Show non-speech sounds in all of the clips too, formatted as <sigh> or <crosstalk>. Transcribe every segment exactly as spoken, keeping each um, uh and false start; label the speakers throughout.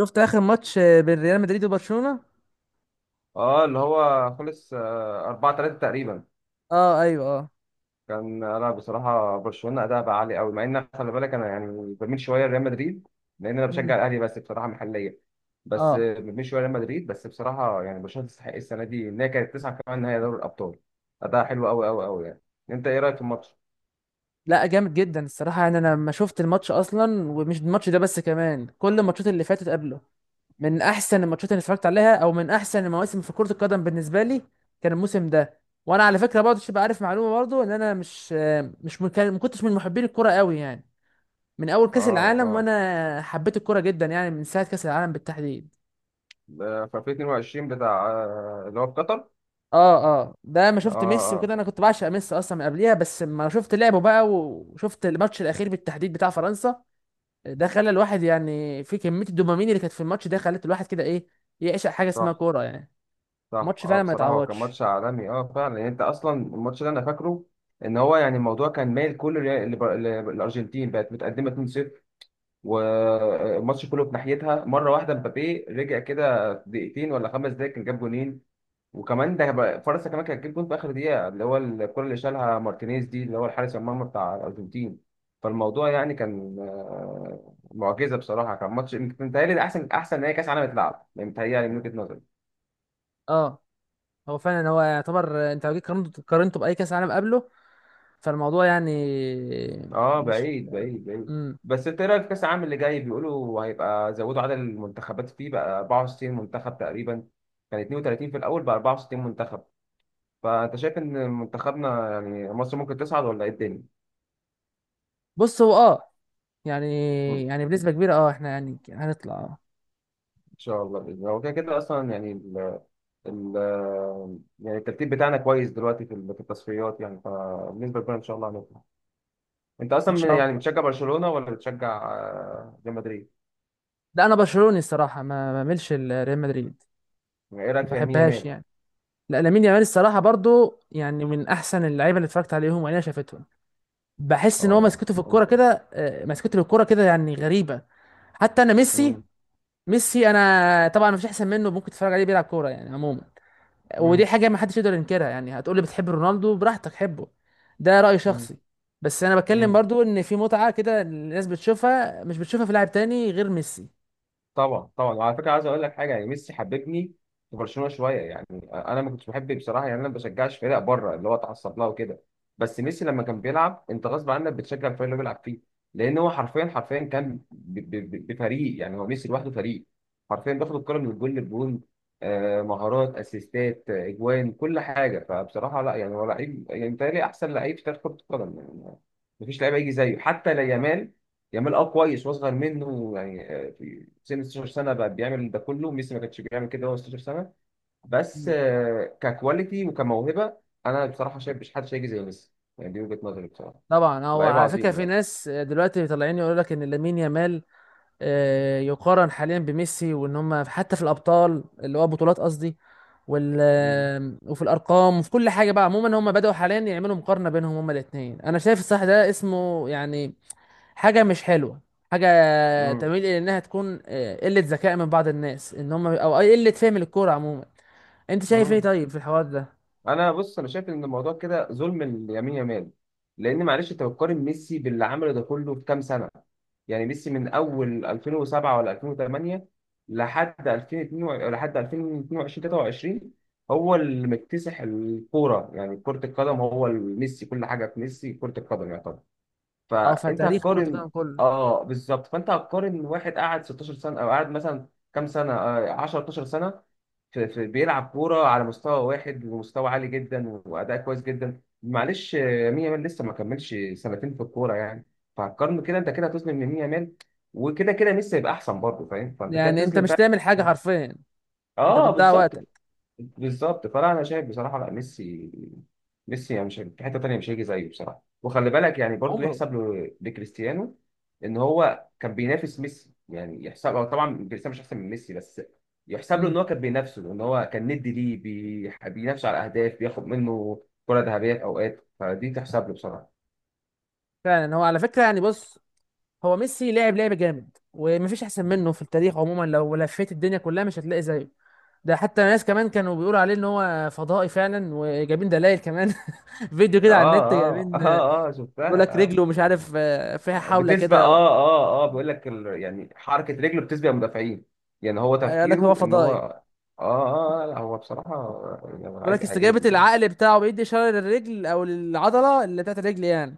Speaker 1: شفت اخر ماتش آه، بين ريال مدريد وبرشلونة.
Speaker 2: اه، اللي هو خلص آه، اربعه تلاته تقريبا.
Speaker 1: اه، ايوه، اه.
Speaker 2: كان انا بصراحه برشلونه اداء بقى عالي قوي، مع ان خلي بالك انا يعني بميل شويه لريال مدريد لان انا
Speaker 1: امم.
Speaker 2: بشجع الاهلي. بس بصراحه محليا بس
Speaker 1: اه.
Speaker 2: آه، بميل شويه لريال مدريد. بس بصراحه يعني برشلونه تستحق السنه دي ان هي كانت تسعه كمان نهائي دوري الابطال. اداء حلو قوي قوي قوي يعني. انت ايه رايك في الماتش؟
Speaker 1: لا، جامد جدا الصراحة، يعني انا لما شفت الماتش اصلا ومش الماتش ده بس، كمان كل الماتشات اللي فاتت قبله من احسن الماتشات اللي اتفرجت عليها، او من احسن المواسم في كرة القدم بالنسبة لي كان الموسم ده. وانا على فكرة برضه تبقى عارف معلومة برضه ان انا مش آه، مش من كان- ما كنتش من محبين الكرة قوي يعني. من اول كأس
Speaker 2: اه،
Speaker 1: العالم
Speaker 2: اه،
Speaker 1: وانا حبيت الكرة جدا، يعني من ساعة كأس العالم بالتحديد.
Speaker 2: آه، في الفين واتنين وعشرين بتاع آه، اللي هو في قطر.
Speaker 1: اه اه، ده ما
Speaker 2: اه،
Speaker 1: شفت ميسي
Speaker 2: اه،
Speaker 1: وكده انا كنت بعشق ميسي اصلا من قبليها، بس ما شفت لعبه بقى وشفت الماتش الاخير بالتحديد بتاع فرنسا. ده خلى الواحد يعني، في كميه الدوبامين اللي كانت في الماتش ده خلت الواحد كده ايه، يعشق حاجه اسمها
Speaker 2: صح.
Speaker 1: كوره يعني.
Speaker 2: صح،
Speaker 1: ماتش
Speaker 2: اه،
Speaker 1: فعلا ما
Speaker 2: بصراحة هو كان
Speaker 1: يتعوضش.
Speaker 2: ماتش عالمي. اه فعلا، يعني انت اصلا الماتش ده انا فاكره ان هو يعني الموضوع كان مايل كله ل- لب- ل- للارجنتين. بقت متقدمة اتنين لا شيء والماتش كله في ناحيتها. مرة واحدة مبابي رجع كده في دقيقتين ولا خمس دقايق كان جاب جونين. وكمان ده بقى- فرنسا كمان كانت جاب جون في اخر دقيقة، اللي هو الكرة اللي شالها مارتينيز دي، اللي هو الحارس المرمى بتاع الارجنتين. فالموضوع يعني كان آه، معجزة بصراحة. كان ماتش، متهيألي ده احسن احسن نهائي كاس عالم اتلعب يعني، متهيألي من وجهة نظري.
Speaker 1: اه، هو فعلا هو يعتبر آه، انت لو جيت قارنته، قارنته باي كاس عالم قبله، فالموضوع يعني
Speaker 2: اه،
Speaker 1: مش.
Speaker 2: بعيد بعيد بعيد.
Speaker 1: امم.
Speaker 2: بس انت ايه رايك في كاس العالم اللي جاي؟ بيقولوا هيبقى زودوا عدد المنتخبات فيه بقى اربعه وستين منتخب تقريبا. كان اتنين وتلاتين في الاول بقى اربعه وستين منتخب. فانت شايف ان منتخبنا يعني مصر ممكن تصعد ولا ايه الدنيا؟
Speaker 1: بص هو اه، يعني
Speaker 2: م- ان
Speaker 1: يعني بنسبه كبيره، اه احنا يعني هنطلع آه.
Speaker 2: شاء الله باذن الله. هو كده كده اصلا يعني ال ال يعني الترتيب بتاعنا كويس دلوقتي في ال- في التصفيات يعني. فبالنسبه لنا ان شاء الله هنطلع. انت
Speaker 1: ان
Speaker 2: اصلا من-
Speaker 1: شاء
Speaker 2: يعني
Speaker 1: الله.
Speaker 2: بتشجع برشلونه ولا بتشجع آه، ريال مدريد؟
Speaker 1: لا انا برشلوني الصراحه، ما ما بعملش ريال مدريد.
Speaker 2: يعني ايه رايك
Speaker 1: ما
Speaker 2: في يمين
Speaker 1: بحبهاش
Speaker 2: يامال؟
Speaker 1: يعني. لا، لامين يامال الصراحه برضو يعني من احسن اللعيبه اللي اتفرجت عليهم وانا شافتهم. بحس ان هو
Speaker 2: اه.
Speaker 1: مسكته في الكوره
Speaker 2: وانت؟
Speaker 1: كده، آه، مسكته للكوره كده يعني غريبه. حتى انا ميسي،
Speaker 2: مم.
Speaker 1: ميسي انا طبعا مفيش احسن منه، ممكن تتفرج عليه بيلعب كوره يعني عموما. ودي
Speaker 2: مم.
Speaker 1: حاجه ما حدش يقدر ينكرها، يعني هتقولي بتحب رونالدو براحتك حبه، ده راي
Speaker 2: مم.
Speaker 1: شخصي. بس انا بتكلم
Speaker 2: مم.
Speaker 1: برضو ان في متعه كده الناس بتشوفها، مش بتشوفها في لاعب تاني غير ميسي.
Speaker 2: طبعا طبعا. وعلى فكره عايز اقول لك حاجه. يعني ميسي حببني في برشلونه شويه يعني. انا ما كنتش بحب بصراحه، يعني انا ما بشجعش فرق بره اللي هو اتعصب لها وكده. بس ميسي لما كان بيلعب انت غصب عنك بتشجع الفريق اللي هو بيلعب فيه. لان هو حرفيا حرفيا كان ب- ب- ب- بفريق. يعني هو ميسي لوحده فريق. حرفيا بياخد الكره من الجول للجول. آه، مهارات، اسيستات، آه، اجوان، كل حاجه. فبصراحه لا، يعني هو لعيب، يعني متهيألي احسن لعيب في تاريخ كره القدم يعني. مفيش لعيب هيجي زيه، حتى لا يامال. يامال اه كويس واصغر منه يعني، آه، في سن ستاشر سنه بقى بيعمل ده كله. ميسي ما كانش بيعمل كده وهو ستاشر سنه. بس
Speaker 1: مم.
Speaker 2: آه، ككواليتي وكموهبه، انا بصراحه شايف مش حد هيجي زي ميسي. يعني دي وجهه نظري بصراحه.
Speaker 1: طبعا، هو
Speaker 2: لعيب
Speaker 1: على فكره
Speaker 2: عظيم
Speaker 1: في
Speaker 2: يعني.
Speaker 1: ناس دلوقتي طالعين يقولوا لك ان لامين يامال آه، يقارن حاليا بميسي، وان هم حتى في الابطال اللي هو بطولات قصدي، وال
Speaker 2: مم.
Speaker 1: آه، وفي الارقام وفي كل حاجه بقى عموما هم بداوا حاليا يعملوا مقارنه بينهم هم الاثنين. انا شايف الصح ده اسمه يعني حاجه مش حلوه، حاجه
Speaker 2: مم.
Speaker 1: تميل الى انها تكون آه، قله ذكاء من بعض الناس، ان هم او قله فهم للكوره عموما. انت شايف ايه
Speaker 2: مم.
Speaker 1: طيب في الحوار ده؟
Speaker 2: انا بص، انا شايف ان الموضوع كده ظلم اليمين يمال. لان معلش انت بتقارن ميسي باللي عمله ده كله في كام سنه. يعني ميسي من اول الفين وسبعه ولا الفين وتمانيه لحد الفين واتنين وعشرين، لحد الفين واتنين وعشرين تلاته وعشرين هو اللي مكتسح الكوره. يعني كره القدم هو ميسي، كل حاجه في ميسي كره القدم يعتبر.
Speaker 1: او في
Speaker 2: فانت
Speaker 1: تاريخ كره
Speaker 2: هتقارن.
Speaker 1: القدم كله.
Speaker 2: اه بالظبط. فانت هتقارن واحد قعد ستاشر سنه او قعد مثلا كام سنه، آه، عشره اتناشر سنه، في في- بيلعب كورة على مستوى واحد ومستوى عالي جدا وأداء كويس جدا. معلش آه، مين يامال لسه ما كملش سنتين في الكورة يعني. فهتقارنه كده؟ أنت كده هتظلم مين يامال. وكده كده ميسي هيبقى أحسن برضه، فاهم؟ فأنت كده
Speaker 1: يعني انت
Speaker 2: بتظلم
Speaker 1: مش
Speaker 2: فعلا.
Speaker 1: تعمل حاجه حرفيا، انت
Speaker 2: اه
Speaker 1: بتضيع
Speaker 2: بالظبط
Speaker 1: وقتك.
Speaker 2: بالظبط. فلا، انا شايف بصراحه، لا، ميسي، ميسي يعني مش هي- في حته تانيه، مش هيجي زيه بصراحه. وخلي بالك يعني برضو
Speaker 1: عمره.
Speaker 2: يحسب له لكريستيانو ان هو كان بينافس ميسي. يعني يحسب، هو طبعا كريستيانو مش احسن من ميسي، بس يحسب له
Speaker 1: امم.
Speaker 2: ان هو كان بينافسه، ان هو كان ندي ليه. بي... بينافسه على اهداف، بياخد منه كره ذهبيه في اوقات. فدي تحسب له بصراحه.
Speaker 1: فعلا، هو على فكره يعني بص، هو ميسي لعب لعب جامد ومفيش احسن منه في التاريخ عموما، لو لفيت الدنيا كلها مش هتلاقي زيه. ده حتى ناس كمان كانوا بيقولوا عليه ان هو فضائي فعلا، وجايبين دلائل كمان. <laughs> فيديو كده على
Speaker 2: اه
Speaker 1: النت
Speaker 2: اه
Speaker 1: جايبين،
Speaker 2: اه اه
Speaker 1: بيقول لك
Speaker 2: شفتها. آه.
Speaker 1: رجله مش عارف آه، فيها
Speaker 2: آه،
Speaker 1: حاولة
Speaker 2: بتسبق،
Speaker 1: كده.
Speaker 2: اه اه اه، بيقول لك ال... يعني حركه رجله بتسبق المدافعين. يعني هو
Speaker 1: قال لك هو
Speaker 2: تفكيره ان هو
Speaker 1: فضائي.
Speaker 2: اه، اه، آه، لا هو بصراحه يعني
Speaker 1: بيقول لك
Speaker 2: لعيب
Speaker 1: استجابة
Speaker 2: اعجازي يعني.
Speaker 1: العقل بتاعه بيدي إشارة للرجل او للعضلة اللي بتاعت الرجل يعني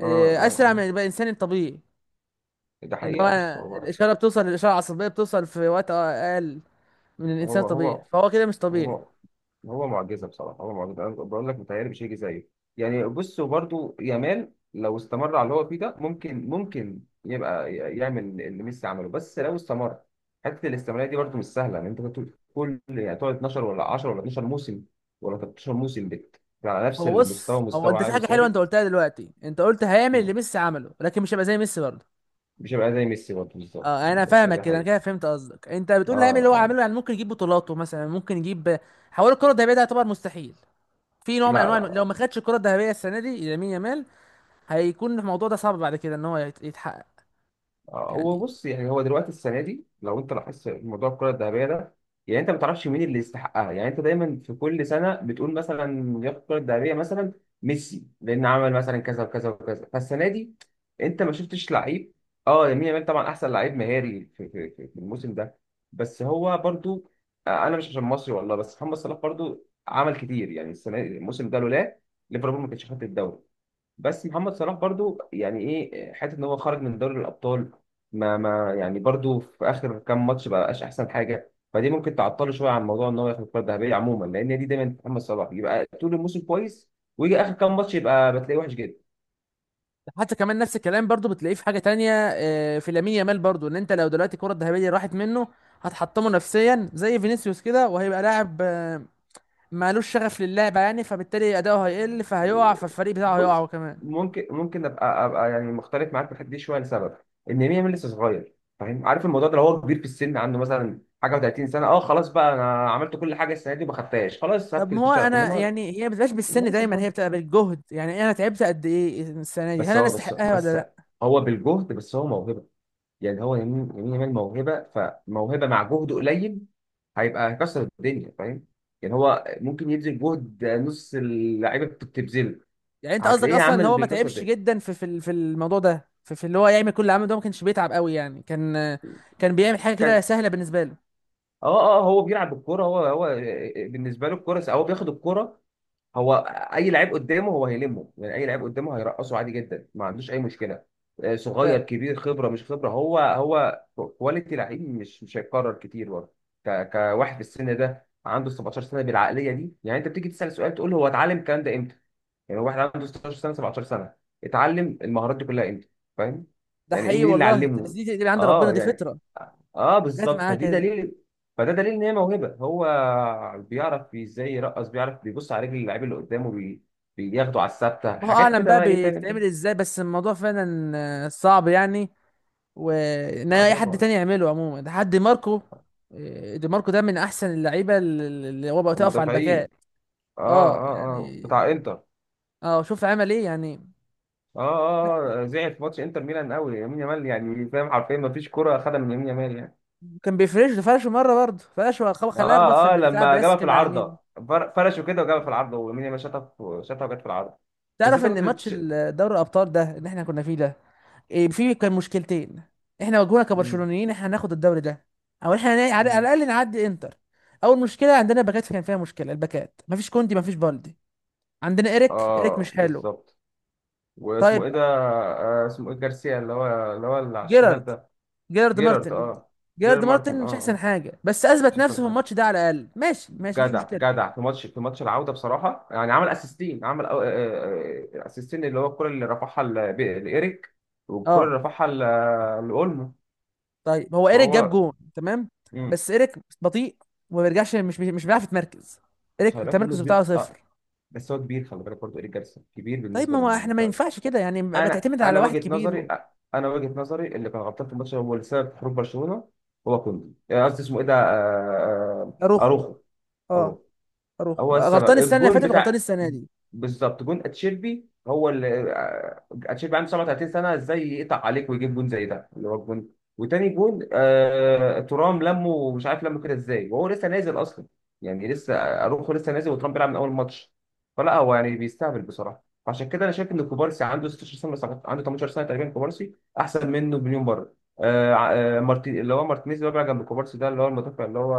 Speaker 2: اه
Speaker 1: اسرع
Speaker 2: اه.
Speaker 1: من الانسان الطبيعي.
Speaker 2: آه. ده
Speaker 1: ان هو
Speaker 2: حقيقه. بص، هو
Speaker 1: الإشارة بتوصل، الإشارة العصبية بتوصل في وقت اقل من الانسان
Speaker 2: هو
Speaker 1: الطبيعي،
Speaker 2: هو
Speaker 1: فهو كده مش طبيعي.
Speaker 2: هو هو معجزه بصراحه. هو معجزه، انا بقول لك متهيألي مش هيجي زيه. يعني بص، وبرده يامال لو استمر على اللي هو فيه ده ممكن، ممكن يبقى يعمل اللي ميسي عمله، بس لو استمر. حته الاستمراريه دي برده مش سهله ان انت تقعد، كل يعني تقعد اتناشر ولا عشره ولا اتناشر موسم ولا تلتاشر موسم بت على نفس
Speaker 1: هو
Speaker 2: المستوى،
Speaker 1: بص هو
Speaker 2: مستوى
Speaker 1: انت في
Speaker 2: عالي
Speaker 1: حاجه حلوه انت
Speaker 2: وثابت.
Speaker 1: قلتها دلوقتي، انت قلت هيعمل اللي ميسي عمله لكن مش هيبقى زي ميسي برضه.
Speaker 2: مش هيبقى زي ميسي برده. بالظبط
Speaker 1: اه، انا
Speaker 2: بالظبط،
Speaker 1: فاهمك
Speaker 2: ده
Speaker 1: كده، انا
Speaker 2: حقيقي.
Speaker 1: كده فهمت قصدك، انت
Speaker 2: اه
Speaker 1: بتقول هيعمل اللي هو
Speaker 2: اه.
Speaker 1: عامله يعني، ممكن يجيب بطولاته مثلا، ممكن يجيب حوار الكره الذهبيه ده يعتبر مستحيل. في نوع من
Speaker 2: لا
Speaker 1: انواع،
Speaker 2: لا
Speaker 1: لو
Speaker 2: لا.
Speaker 1: ما خدش الكره الذهبيه السنه دي لامين يامال هيكون الموضوع ده صعب بعد كده ان هو يت- يتحقق
Speaker 2: آه، هو
Speaker 1: يعني.
Speaker 2: بص، يعني هو دلوقتي السنه دي لو انت لاحظت موضوع الكره الذهبيه ده يعني انت ما تعرفش مين اللي يستحقها. يعني انت دايما في كل سنه بتقول مثلا ياخد الكره الذهبيه مثلا ميسي لان عمل مثلا كذا وكذا وكذا فالسنه دي. انت ما شفتش لعيب. اه يمين يامال طبعا احسن لعيب مهاري في, في, في في الموسم ده. بس هو برضو آه، انا مش عشان مصري والله، بس محمد صلاح برضو عمل كتير يعني السنه، الموسم ده لولا ليفربول ما كانتش خدت الدوري. بس محمد صلاح برضو يعني ايه حته ان هو خرج من دوري الابطال. ما ما يعني برضو في اخر كام ماتش بقاش احسن حاجه. فدي ممكن تعطله شويه عن موضوع ان هو ياخد الكره الذهبيه عموما. لان دي دايما محمد صلاح يبقى طول الموسم كويس ويجي اخر كام ماتش يبقى بتلاقيه وحش جدا.
Speaker 1: حتى كمان نفس الكلام برضه بتلاقيه في حاجه تانية اه، في لامين يامال برضه، ان انت لو دلوقتي الكره الذهبيه راحت منه هتحطمه نفسيا زي فينيسيوس كده، وهيبقى لاعب مالوش شغف للعبة يعني، فبالتالي أداؤه هيقل فهيقع، فالفريق بتاعه هيقع
Speaker 2: بص،
Speaker 1: هو كمان.
Speaker 2: ممكن ممكن ابقى ابقى يعني مختلف معاك في الحته دي شويه. لسبب ان ميامي لسه صغير. فاهم؟ عارف الموضوع ده. لو هو كبير في السن عنده مثلا حاجه و30 سنه، اه خلاص بقى، انا عملت كل حاجه السنه دي وما خدتهاش، خلاص
Speaker 1: طب
Speaker 2: سبت
Speaker 1: ما هو
Speaker 2: الشغف.
Speaker 1: أنا
Speaker 2: انما
Speaker 1: يعني، هي ما بتبقاش
Speaker 2: إنما
Speaker 1: بالسن
Speaker 2: لسه
Speaker 1: دايما،
Speaker 2: صغير.
Speaker 1: هي بتبقى بالجهد، يعني أنا تعبت قد إيه السنة دي؟ هل
Speaker 2: بس
Speaker 1: أنا
Speaker 2: هو بس
Speaker 1: أستحقها ولا
Speaker 2: بس
Speaker 1: لأ؟
Speaker 2: هو بالجهد. بس هو موهبه يعني. هو يمين يمين يامال موهبه، فموهبه مع جهد قليل هيبقى، هيكسر الدنيا فاهم؟ يعني هو ممكن يبذل جهد نص اللعيبه بت- بتبذله،
Speaker 1: يعني أنت قصدك
Speaker 2: هتلاقيه
Speaker 1: أصلا اللي
Speaker 2: عامل
Speaker 1: هو ما
Speaker 2: بيكسر
Speaker 1: تعبش
Speaker 2: الدنيا.
Speaker 1: جدا في في ال- في الموضوع ده، في, في اللي هو يعمل كل اللي عمله ده ما كانش بيتعب قوي يعني، كان كان بيعمل حاجة كده
Speaker 2: كان،
Speaker 1: سهلة بالنسبة له.
Speaker 2: اه اه، هو بيلعب بالكوره. هو هو بالنسبه له الكوره هو بياخد الكوره. هو اي لعيب قدامه هو هيلمه. يعني اي لعيب قدامه هيرقصه عادي جدا ما عندوش اي مشكله. آه،
Speaker 1: ف-
Speaker 2: صغير كبير، خبره مش خبره، هو هو كواليتي لعيب مش مش هيتكرر كتير برضه. ك- كواحد في السن ده عنده سبعتاشر سنه بالعقليه دي يعني. انت بتيجي تسال سؤال، تقول هو اتعلم الكلام ده امتى؟ يعني هو واحد عنده ستاشر سنه سبعتاشر سنه اتعلم المهارات دي كلها امتى؟ فاهم؟
Speaker 1: ده
Speaker 2: يعني إيه-
Speaker 1: حقيقي
Speaker 2: مين اللي
Speaker 1: والله، بس
Speaker 2: علمه.
Speaker 1: دي دي عند ربنا
Speaker 2: اه
Speaker 1: دي
Speaker 2: يعني،
Speaker 1: فطرة
Speaker 2: اه
Speaker 1: جت
Speaker 2: بالظبط.
Speaker 1: معاه
Speaker 2: فدي
Speaker 1: كده.
Speaker 2: دليل، فده دليل ان هي موهبه. هو بيعرف ازاي يرقص، بيعرف بيبص على رجل اللعيب اللي قدامه. بي... بياخده على الثابته.
Speaker 1: الله
Speaker 2: حاجات
Speaker 1: أعلم
Speaker 2: كده
Speaker 1: بقى
Speaker 2: بقى ايه؟ فاهم انت؟
Speaker 1: بتتعمل إزاي، بس الموضوع فعلا آه، صعب يعني، وان
Speaker 2: اه
Speaker 1: اي حد
Speaker 2: طبعا.
Speaker 1: تاني يعمله عموما ده حد ماركو، آه، دي ماركو ده من احسن اللعيبه اللي اللي هو بقى تقف على
Speaker 2: المدافعين،
Speaker 1: الباكات
Speaker 2: اه.
Speaker 1: اه
Speaker 2: اه، اه، بتاع
Speaker 1: يعني.
Speaker 2: انتر.
Speaker 1: اه شوف عمل ايه يعني.
Speaker 2: اه
Speaker 1: لا،
Speaker 2: اه آه، زعل في ماتش انتر ميلان قوي يمين يامال. يعني فاهم، حرفيا ما فيش كره خدها من يمين يامال يعني.
Speaker 1: كان بيفرش ده، فرش مره برضه، فرش وخ- خلاه يخبط في
Speaker 2: اه اه،
Speaker 1: البتاع
Speaker 2: لما جابها
Speaker 1: البلاستيك
Speaker 2: في
Speaker 1: اللي على
Speaker 2: العارضه.
Speaker 1: اليمين.
Speaker 2: فر- فرشه كده وجابها في
Speaker 1: اه،
Speaker 2: العارضه. ويمين يامال شاطها في- شاطها وجت في العارضه. بس
Speaker 1: تعرف
Speaker 2: انت
Speaker 1: ان
Speaker 2: كنت
Speaker 1: ماتش
Speaker 2: تش...
Speaker 1: ال- دوري الابطال ده اللي احنا كنا فيه ده إيه، فيه كان مشكلتين. احنا واجهونا
Speaker 2: مم،
Speaker 1: كبرشلونيين، احنا هناخد الدوري ده او احنا نا- على على
Speaker 2: مم.
Speaker 1: الاقل نعدي انتر. اول مشكله عندنا باكات، كان فيها مشكله، الباكات مفيش كوندي مفيش بالدي، عندنا ايريك، ايريك
Speaker 2: اه
Speaker 1: مش حلو.
Speaker 2: بالظبط.
Speaker 1: طيب.
Speaker 2: واسمه ايه ده؟ آه، اسمه ايه، جارسيا اللي هو اللي هو اللي على
Speaker 1: جيرارد.
Speaker 2: الشمال ده.
Speaker 1: جيرارد
Speaker 2: جيرارد،
Speaker 1: مارتن.
Speaker 2: اه، جيرارد
Speaker 1: جيرارد
Speaker 2: مارتن.
Speaker 1: مارتن
Speaker 2: اه
Speaker 1: مش احسن
Speaker 2: اه،
Speaker 1: حاجه، بس اثبت
Speaker 2: مش
Speaker 1: نفسه
Speaker 2: احسن
Speaker 1: في
Speaker 2: حاجه.
Speaker 1: الماتش ده على الاقل، ماشي ماشي مفيش
Speaker 2: جدع
Speaker 1: مشكله.
Speaker 2: جدع في ماتش، في ماتش العوده بصراحه يعني عمل اسيستين. عمل أو- آه، آه، آه، اسيستين، اللي هو الكره اللي رفعها ل- ب- لايريك والكره اللي
Speaker 1: اه
Speaker 2: رفعها ل- لاولمو.
Speaker 1: طيب هو ايريك جاب
Speaker 2: فهو،
Speaker 1: جون تمام،
Speaker 2: امم.
Speaker 1: بس ايريك بطيء، وما بيرجعش، مش مش بيعرف يتمركز. ايريك
Speaker 2: خلي بالك منه
Speaker 1: التمركز بتاعه
Speaker 2: كبير اه.
Speaker 1: صفر.
Speaker 2: بس هو كبير، خلي بالك برضه ايريك جارسيا كبير
Speaker 1: طيب
Speaker 2: بالنسبه
Speaker 1: ما هو
Speaker 2: لل.
Speaker 1: احنا ما ينفعش كده يعني، ما ما
Speaker 2: انا
Speaker 1: تعتمد على
Speaker 2: انا
Speaker 1: واحد
Speaker 2: وجهه
Speaker 1: كبير
Speaker 2: نظري،
Speaker 1: و-
Speaker 2: انا وجهه نظري اللي كان غلطان في الماتش هو اللي سبب في خروج برشلونه هو كوندي. آه، قصدي اسمه ايه ده، آه، آه، آه،
Speaker 1: اروخو.
Speaker 2: اروخو.
Speaker 1: اه
Speaker 2: اروخو
Speaker 1: اروخو
Speaker 2: هو السبب
Speaker 1: غلطان السنه اللي
Speaker 2: الجون
Speaker 1: فاتت وغلطان
Speaker 2: بتاع.
Speaker 1: السنه دي.
Speaker 2: بالظبط، جون اتشيربي هو اللي آه، اتشيربي عنده سبعه وتلاتين سنه، ازاي يقطع عليك ويجيب جون زي ده اللي هو الجون؟ وتاني جون، آه، ترام لمه، مش عارف لمه كده ازاي وهو لسه نازل اصلا. يعني لسه اروخو لسه نازل وترام بيلعب من اول ماتش. فلا هو يعني بيستهبل بصراحه. فعشان كده انا شايف ان كوبارسي عنده ستاشر سنه، بس عنده تمنتاشر سنه تقريبا كوبارسي، احسن منه بمليون مره. آه آه، مارتي، اللي هو مارتينيز، اللي هو بيلعب جنب كوبارسي ده، اللي هو المدافع، اللي هو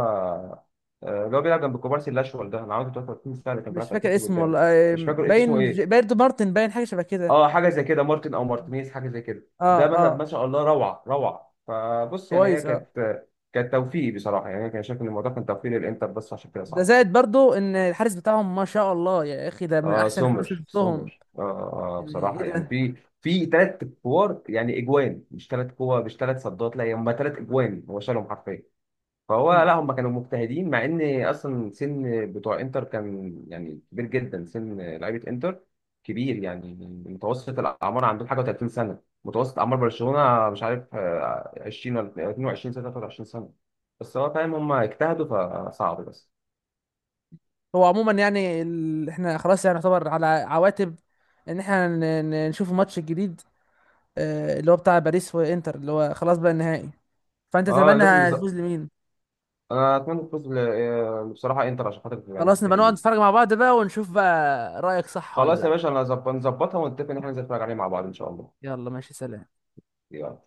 Speaker 2: آه، اللي هو بيلعب جنب كوبارسي الاشول ده انا عاوز، تلاته وتلاتين سنه، اللي كان بيلعب
Speaker 1: مش
Speaker 2: في
Speaker 1: فاكر
Speaker 2: اتلتيكو
Speaker 1: اسمه والله.
Speaker 2: بالباو.
Speaker 1: آه،
Speaker 2: مش فاكر اسمه
Speaker 1: باين ج-
Speaker 2: ايه،
Speaker 1: بايرد مارتن، باين حاجه شبه كده.
Speaker 2: اه حاجه زي كده مارتن او مارتينيز حاجه زي كده
Speaker 1: اه
Speaker 2: ده. ما
Speaker 1: اه
Speaker 2: ما شاء الله، روعه روعه. فبص يعني هي
Speaker 1: كويس اه.
Speaker 2: كانت، كانت توفيق بصراحه يعني. انا كان شايف ان الموضوع كان توفيق للانتر. بس عشان كده
Speaker 1: ده
Speaker 2: صعب.
Speaker 1: زائد برضو ان الحارس بتاعهم ما شاء الله يا اخي، ده من
Speaker 2: اه
Speaker 1: احسن الحراس اللي
Speaker 2: سومر
Speaker 1: شفتهم.
Speaker 2: سومر آه, آه
Speaker 1: يعني ايه
Speaker 2: بصراحه يعني
Speaker 1: ده.
Speaker 2: في، في ثلاث كور يعني اجوان، مش ثلاث كور مش ثلاث صدات، لا هم ثلاث اجوان هو شالهم حرفيا. فهو
Speaker 1: مم.
Speaker 2: لا، هم كانوا مجتهدين مع ان اصلا سن بتوع انتر كان يعني كبير جدا. سن لعيبه انتر كبير يعني. متوسط الاعمار عندهم حاجه و30 سنه. متوسط اعمار برشلونه مش عارف آه، عشرين ولا اتنين وعشرين سنه تلاته وعشرين سنه. بس هو فاهم، هم اجتهدوا. فصعب بس.
Speaker 1: هو عموما يعني ال... احنا خلاص يعني يعتبر على عواتب ان احنا ن... ن- نشوف الماتش الجديد، آه، اللي هو بتاع باريس وانتر اللي هو خلاص بقى النهائي. فانت
Speaker 2: اه
Speaker 1: تتمنى
Speaker 2: لازم نز...
Speaker 1: هتفوز لمين؟
Speaker 2: انا اتمنى الفوز ل- آه، بصراحه انتر، عشان خاطر يعني
Speaker 1: خلاص نبقى نقعد
Speaker 2: مجتهدين.
Speaker 1: نتفرج مع بعض بقى ونشوف بقى رأيك صح ولا
Speaker 2: خلاص يا
Speaker 1: لا.
Speaker 2: باشا، انا هظبط- نظبطها ونتفق ان احنا ننزل نتفرج عليه مع بعض ان شاء الله.
Speaker 1: يلا ماشي سلام.
Speaker 2: يلا.